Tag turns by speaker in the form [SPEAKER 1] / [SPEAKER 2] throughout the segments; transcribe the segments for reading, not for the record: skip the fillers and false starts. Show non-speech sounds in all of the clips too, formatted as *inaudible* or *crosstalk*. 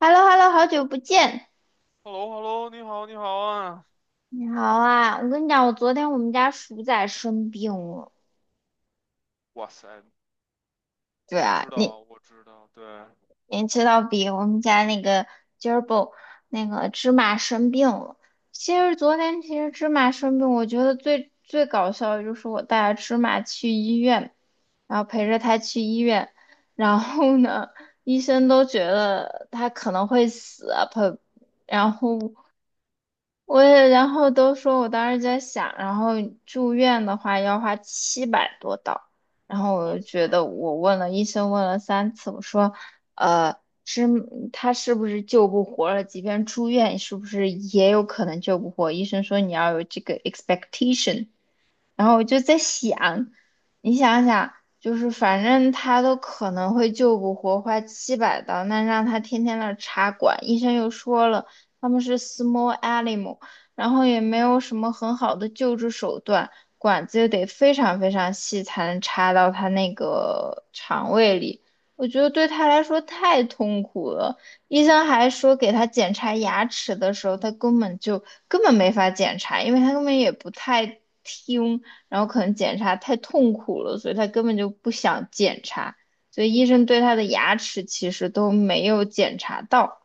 [SPEAKER 1] h e l l o h e l l o 好久不见，
[SPEAKER 2] h e l l o h e l l o 你好，你好啊！
[SPEAKER 1] 你好啊！我跟你讲，我昨天我们家鼠仔生病了。
[SPEAKER 2] 哇塞，
[SPEAKER 1] 对
[SPEAKER 2] 我
[SPEAKER 1] 啊，
[SPEAKER 2] 知
[SPEAKER 1] 你
[SPEAKER 2] 道，我知道，对。
[SPEAKER 1] 你知道比我们家那个 g e r b i 那个芝麻生病了。其实昨天其实芝麻生病，我觉得最搞笑的就是我带着芝麻去医院，然后陪着他去医院，然后呢，医生都觉得他可能会死啊，陪，然后。我也，然后都说我当时在想，然后住院的话要花700多刀，然后我
[SPEAKER 2] 哇
[SPEAKER 1] 就
[SPEAKER 2] 塞。
[SPEAKER 1] 觉得我问了医生问了3次，我说，呃，是他是不是救不活了？即便住院，是不是也有可能救不活？医生说你要有这个 expectation，然后我就在想，你想想，就是反正他都可能会救不活，花700刀，那让他天天那儿插管，医生又说了，他们是 small animal，然后也没有什么很好的救治手段，管子又得非常非常细才能插到他那个肠胃里。我觉得对他来说太痛苦了。医生还说，给他检查牙齿的时候，他根本没法检查，因为他根本也不太听。然后可能检查太痛苦了，所以他根本就不想检查，所以医生对他的牙齿其实都没有检查到。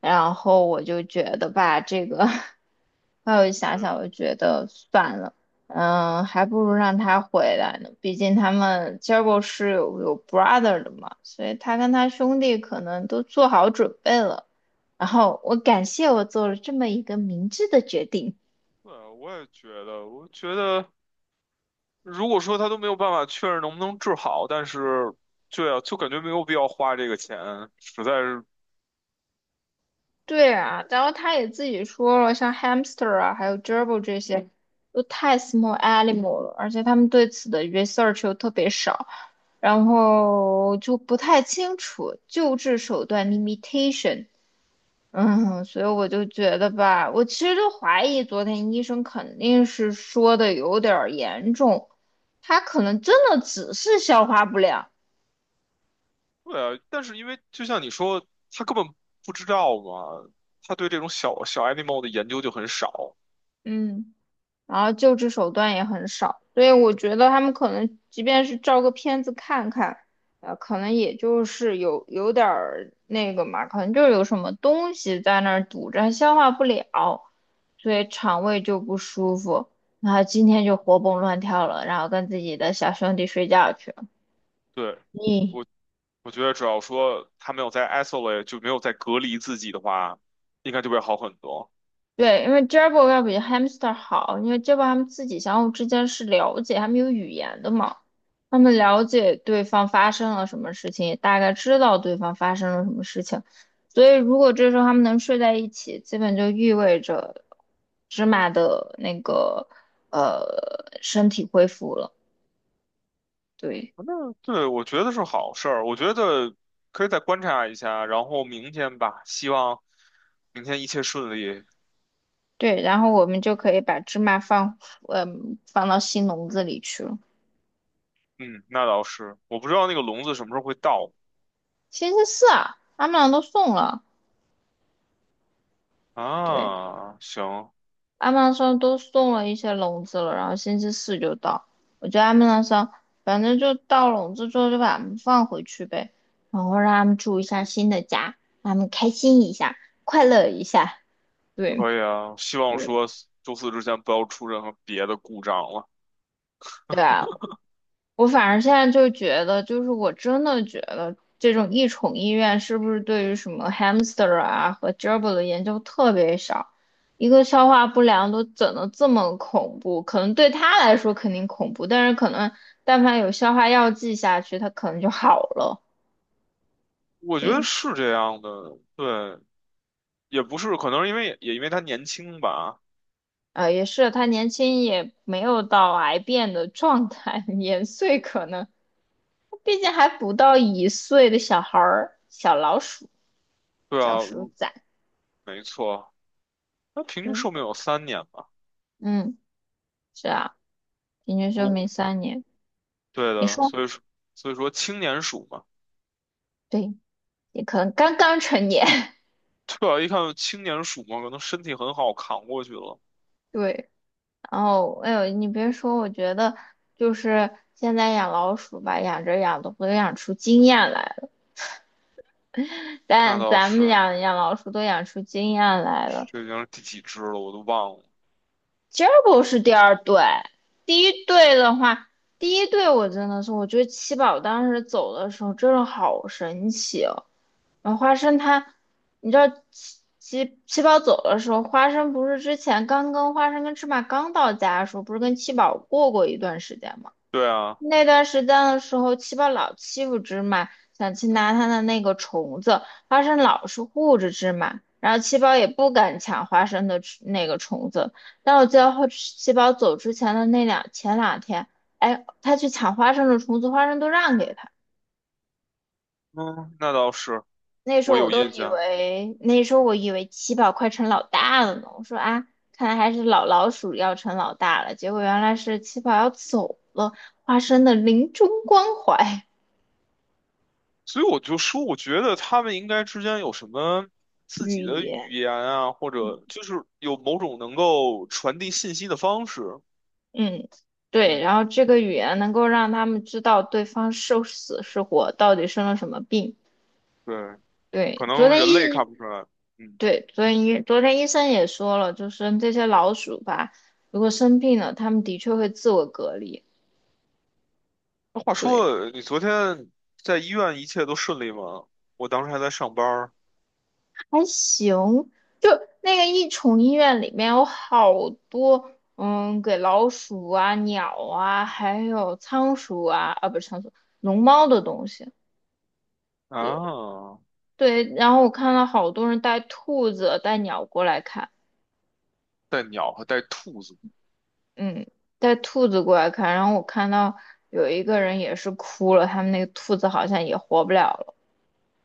[SPEAKER 1] 然后我就觉得吧，这个，*laughs* 后来我就
[SPEAKER 2] 觉
[SPEAKER 1] 想想，
[SPEAKER 2] 得。
[SPEAKER 1] 我就觉得算了，嗯，还不如让他回来呢。毕竟他们 j e r b i l 是有 brother 的嘛，所以他跟他兄弟可能都做好准备了。然后我感谢我做了这么一个明智的决定。
[SPEAKER 2] 对，我也觉得，我觉得，如果说他都没有办法确认能不能治好，但是，对啊，就感觉没有必要花这个钱，实在是。
[SPEAKER 1] 对啊，然后他也自己说了，像 hamster 啊，还有 gerbil 这些，都太 small animal 了，而且他们对此的 research 又特别少，然后就不太清楚救治手段 limitation。嗯，所以我就觉得吧，我其实就怀疑昨天医生肯定是说的有点儿严重，他可能真的只是消化不良。
[SPEAKER 2] 对啊，但是因为就像你说，他根本不知道嘛，他对这种小小 animal 的研究就很少。
[SPEAKER 1] 嗯。然后救治手段也很少，所以我觉得他们可能即便是照个片子看看，可能也就是有点儿那个嘛，可能就是有什么东西在那儿堵着，它消化不了，所以肠胃就不舒服，然后今天就活蹦乱跳了，然后跟自己的小兄弟睡觉去了。
[SPEAKER 2] 对，
[SPEAKER 1] 你
[SPEAKER 2] 我我觉得只要说他没有在 isolate，就没有在隔离自己的话，应该就会好很多。
[SPEAKER 1] 对，因为 Jabber 要比 Hamster 好，因为 Jabber 他们自己相互之间是了解，他们有语言的嘛，他们了解对方发生了什么事情，也大概知道对方发生了什么事情，所以如果这时候他们能睡在一起，基本就意味着芝麻的那个呃身体恢复了，对
[SPEAKER 2] 那对，我觉得是好事儿。我觉得可以再观察一下，然后明天吧，希望明天一切顺利。
[SPEAKER 1] 对，然后我们就可以把芝麻放嗯、放到新笼子里去了。
[SPEAKER 2] 嗯，那倒是，我不知道那个笼子什么时候会到
[SPEAKER 1] 星期四啊，他们俩都送了。对。
[SPEAKER 2] 啊。行，
[SPEAKER 1] 阿曼上都送了一些笼子了，然后星期四就到。我觉得阿曼上反正就到笼子之后就把它们放回去呗，然后让他们住一下新的家，让他们开心一下，快乐一下。对，
[SPEAKER 2] 可以啊。希望说周四之前不要出任何别的故障了。
[SPEAKER 1] 对啊，我反而现在就觉得，就是我真的觉得这种异宠医院是不是对于什么 hamster 啊和 gerbil 的研究特别少？一个消化不良都整得这么恐怖，可能对他来说肯定恐怖，但是可能但凡有消化药剂下去，他可能就好了。
[SPEAKER 2] 我觉得
[SPEAKER 1] 对，
[SPEAKER 2] 是这样的，对，也不是，可能是因为也因为他年轻吧。
[SPEAKER 1] 啊也是，他年轻也没有到癌变的状态，*laughs* 年岁可能，毕竟还不到一岁的小孩儿，小老鼠，
[SPEAKER 2] 对
[SPEAKER 1] 小
[SPEAKER 2] 啊，
[SPEAKER 1] 鼠崽，
[SPEAKER 2] 没错，他平均寿命
[SPEAKER 1] 嗯
[SPEAKER 2] 有3年吧。
[SPEAKER 1] 嗯。是啊，平均寿命
[SPEAKER 2] 如
[SPEAKER 1] 3年。
[SPEAKER 2] 对
[SPEAKER 1] 你
[SPEAKER 2] 的，
[SPEAKER 1] 说，
[SPEAKER 2] 所以说青年鼠嘛。
[SPEAKER 1] 对，你可能刚刚成年。*laughs*
[SPEAKER 2] 对啊，一看就青年鼠嘛，可能身体很好，扛过去了。
[SPEAKER 1] 对，然后哎呦，你别说，我觉得就是现在养老鼠吧，养着养着都养出经验来了。
[SPEAKER 2] 那
[SPEAKER 1] 但
[SPEAKER 2] 倒
[SPEAKER 1] 咱们
[SPEAKER 2] 是，
[SPEAKER 1] 养养老鼠都养出经验来了，
[SPEAKER 2] 这已经是第几只了，我都忘了。
[SPEAKER 1] g e r 是第2队，第一队的话，第一队我真的是，我觉得七宝当时走的时候真的好神奇哦。然后花生他，你知道七宝走的时候，花生不是之前刚跟花生跟芝麻刚到家的时候，不是跟七宝过过一段时间吗？
[SPEAKER 2] 对啊，
[SPEAKER 1] 那段时间的时候，七宝老欺负芝麻，想去拿他的那个虫子，花生老是护着芝麻，然后七宝也不敢抢花生的吃那个虫子。但我记得后七宝走之前的那两前两天，哎，他去抢花生的虫子，花生都让给他。
[SPEAKER 2] 嗯，那倒是，
[SPEAKER 1] 那时
[SPEAKER 2] 我
[SPEAKER 1] 候我
[SPEAKER 2] 有
[SPEAKER 1] 都
[SPEAKER 2] 印
[SPEAKER 1] 以
[SPEAKER 2] 象。
[SPEAKER 1] 为，那时候我以为七宝快成老大了呢。我说啊，看来还是老老鼠要成老大了。结果原来是七宝要走了，花生的临终关怀。
[SPEAKER 2] 所以我就说，我觉得他们应该之间有什么
[SPEAKER 1] *laughs*
[SPEAKER 2] 自
[SPEAKER 1] 寓
[SPEAKER 2] 己的
[SPEAKER 1] 意。
[SPEAKER 2] 语言啊，或者就是有某种能够传递信息的方式。
[SPEAKER 1] 嗯，对，
[SPEAKER 2] 嗯，
[SPEAKER 1] 然后这个语言能够让他们知道对方是死是活，到底生了什么病。
[SPEAKER 2] 对，
[SPEAKER 1] 对，
[SPEAKER 2] 可
[SPEAKER 1] 昨
[SPEAKER 2] 能
[SPEAKER 1] 天
[SPEAKER 2] 人类
[SPEAKER 1] 医，
[SPEAKER 2] 看不出来。嗯，
[SPEAKER 1] 对，昨天医，昨天医生也说了，就是这些老鼠吧，如果生病了，它们的确会自我隔离。
[SPEAKER 2] 那话
[SPEAKER 1] 对，
[SPEAKER 2] 说，你昨天在医院一切都顺利吗？我当时还在上班儿
[SPEAKER 1] 还行，就那个益宠医院里面有好多，嗯，给老鼠啊、鸟啊，还有仓鼠啊，啊，不是仓鼠，龙猫的东西。对。
[SPEAKER 2] 啊。
[SPEAKER 1] 对，然后我看到好多人带兔子、带鸟过来看，
[SPEAKER 2] 带鸟和带兔子。
[SPEAKER 1] 嗯，带兔子过来看，然后我看到有一个人也是哭了，他们那个兔子好像也活不了了，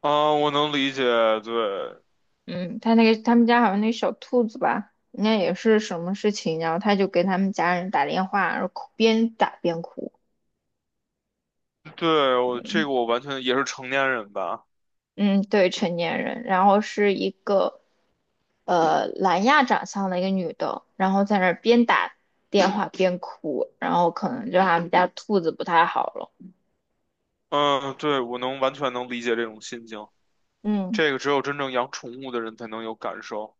[SPEAKER 2] 啊，我能理解，对，
[SPEAKER 1] 嗯，他那个他们家好像那小兔子吧，应该也是什么事情，然后他就给他们家人打电话，然后哭边打边哭，
[SPEAKER 2] 对，我这个我完全也是成年人吧。
[SPEAKER 1] 嗯，对，成年人，然后是一个南亚长相的一个女的，然后在那儿边打电话边哭，然后可能就他们家兔子不太好了。
[SPEAKER 2] 嗯，对，我能完全能理解这种心情，
[SPEAKER 1] 嗯，
[SPEAKER 2] 这个只有真正养宠物的人才能有感受。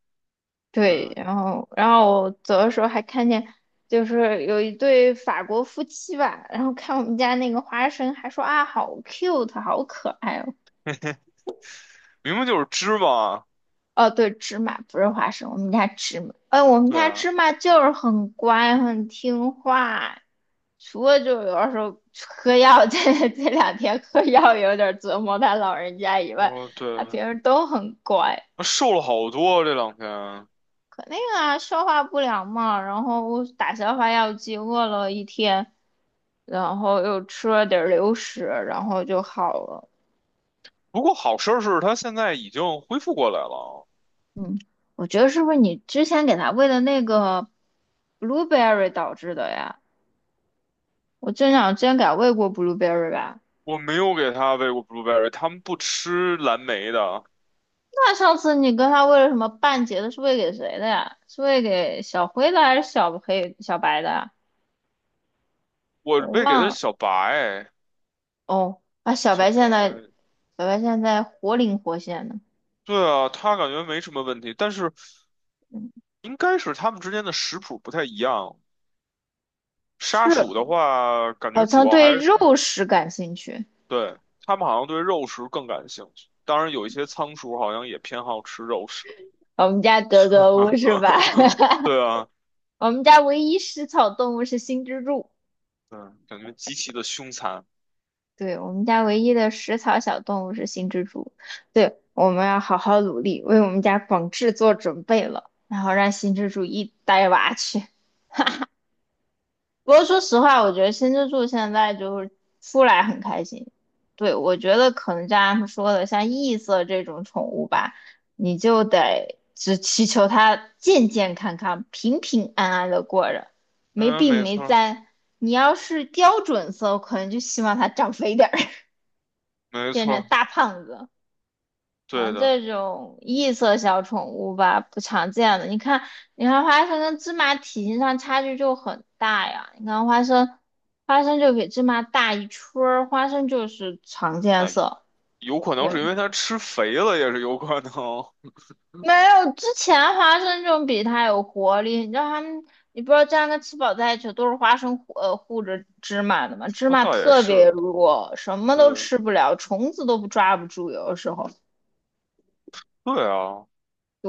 [SPEAKER 2] 对，
[SPEAKER 1] 对，然后我走的时候还看见，就是有一对法国夫妻吧，然后看我们家那个花生，还说啊好 cute，好可爱哦。
[SPEAKER 2] 明明就是芝麻。
[SPEAKER 1] 哦，对，芝麻不是花生，我们家芝麻，哎，我们
[SPEAKER 2] 对
[SPEAKER 1] 家芝
[SPEAKER 2] 啊，
[SPEAKER 1] 麻就是很乖，很听话，除了就有的时候喝药，*laughs* 这两天喝药有点折磨他老人家以外，
[SPEAKER 2] 哦，对，
[SPEAKER 1] 他平时都很乖。
[SPEAKER 2] 他瘦了好多这两天。
[SPEAKER 1] 肯定啊，消化不良嘛，然后打消化药剂，饿了一天，然后又吃了点儿流食，然后就好了。
[SPEAKER 2] 不过好事儿是他现在已经恢复过来了。
[SPEAKER 1] 嗯，我觉得是不是你之前给它喂的那个 blueberry 导致的呀？我真想之前给它喂过 blueberry 吧？
[SPEAKER 2] 我没有给他喂过 blueberry，他们不吃蓝莓的，
[SPEAKER 1] 那上次你跟它喂了什么半截的？是喂给谁的呀？是喂给小灰的还是小黑、小白的呀
[SPEAKER 2] 我
[SPEAKER 1] 我
[SPEAKER 2] 喂给的
[SPEAKER 1] 忘
[SPEAKER 2] 是
[SPEAKER 1] 了。
[SPEAKER 2] 小白，
[SPEAKER 1] 哦，啊，小
[SPEAKER 2] 小
[SPEAKER 1] 白现在，
[SPEAKER 2] 白。
[SPEAKER 1] 小白现在活灵活现的。
[SPEAKER 2] 对啊，他感觉没什么问题，但是应该是他们之间的食谱不太一样。沙鼠的
[SPEAKER 1] 是。
[SPEAKER 2] 话，感
[SPEAKER 1] 好
[SPEAKER 2] 觉主
[SPEAKER 1] 像
[SPEAKER 2] 要还
[SPEAKER 1] 对
[SPEAKER 2] 是
[SPEAKER 1] 肉食感兴趣。
[SPEAKER 2] 对它们好像对肉食更感兴趣。当然，有一些仓鼠好像也偏好吃肉食。
[SPEAKER 1] 我们家格格巫是吧？
[SPEAKER 2] *laughs*
[SPEAKER 1] *laughs*
[SPEAKER 2] 对啊，
[SPEAKER 1] 我们家唯一食草动物是新蜘蛛。
[SPEAKER 2] 嗯，感觉极其的凶残。
[SPEAKER 1] 对，我们家唯一的食草小动物是新蜘蛛。对，我们要好好努力，为我们家广志做准备了，然后让新蜘蛛一带娃去。不过说实话，我觉得新之助现在就是出来很开心。对，我觉得可能就像他们说的，像异色这种宠物吧，你就得只祈求它健健康康、平平安安的过着，没
[SPEAKER 2] 嗯，
[SPEAKER 1] 病
[SPEAKER 2] 没
[SPEAKER 1] 没
[SPEAKER 2] 错儿，
[SPEAKER 1] 灾。你要是标准色，我可能就希望它长肥点儿，*laughs*
[SPEAKER 2] 没
[SPEAKER 1] 变
[SPEAKER 2] 错
[SPEAKER 1] 成
[SPEAKER 2] 儿，
[SPEAKER 1] 大胖子。
[SPEAKER 2] 对
[SPEAKER 1] 嗯，
[SPEAKER 2] 的。
[SPEAKER 1] 这种异色小宠物吧，不常见的。你看，你看花生跟芝麻体型上差距就很大呀。你看花生，花生就比芝麻大一圈儿，花生就是常见
[SPEAKER 2] 那
[SPEAKER 1] 色。
[SPEAKER 2] 有可能
[SPEAKER 1] 对，
[SPEAKER 2] 是因为它吃肥了，也是有可能。
[SPEAKER 1] 没有之前花生就比它有活力。你知道它们，你不知道这样跟吃饱在一起都是花生护着芝麻的嘛？芝
[SPEAKER 2] 那
[SPEAKER 1] 麻
[SPEAKER 2] 倒也
[SPEAKER 1] 特别
[SPEAKER 2] 是，
[SPEAKER 1] 弱，什么
[SPEAKER 2] 对，
[SPEAKER 1] 都吃不了，虫子都不抓不住，有的时候。
[SPEAKER 2] 对啊。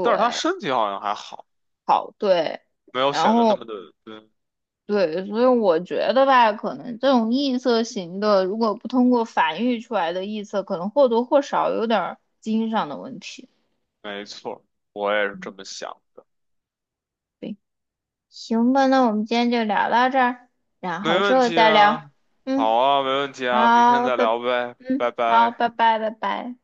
[SPEAKER 2] 但是它身体好像还好，
[SPEAKER 1] 好，对，
[SPEAKER 2] 没有
[SPEAKER 1] 然
[SPEAKER 2] 显得那
[SPEAKER 1] 后。
[SPEAKER 2] 么的，嗯，
[SPEAKER 1] 对，所以我觉得吧，可能这种异色型的，如果不通过繁育出来的异色，可能或多或少有点儿基因上的问题。
[SPEAKER 2] 没错儿，我也是这么想。
[SPEAKER 1] 对，行吧，那我们今天就聊到这儿，然
[SPEAKER 2] 没
[SPEAKER 1] 后之
[SPEAKER 2] 问
[SPEAKER 1] 后
[SPEAKER 2] 题
[SPEAKER 1] 再聊。
[SPEAKER 2] 啊，
[SPEAKER 1] 嗯，
[SPEAKER 2] 好啊，没问题啊，明天
[SPEAKER 1] 好，
[SPEAKER 2] 再
[SPEAKER 1] 拜，
[SPEAKER 2] 聊呗，拜
[SPEAKER 1] 嗯，好，
[SPEAKER 2] 拜。
[SPEAKER 1] 拜拜，拜拜。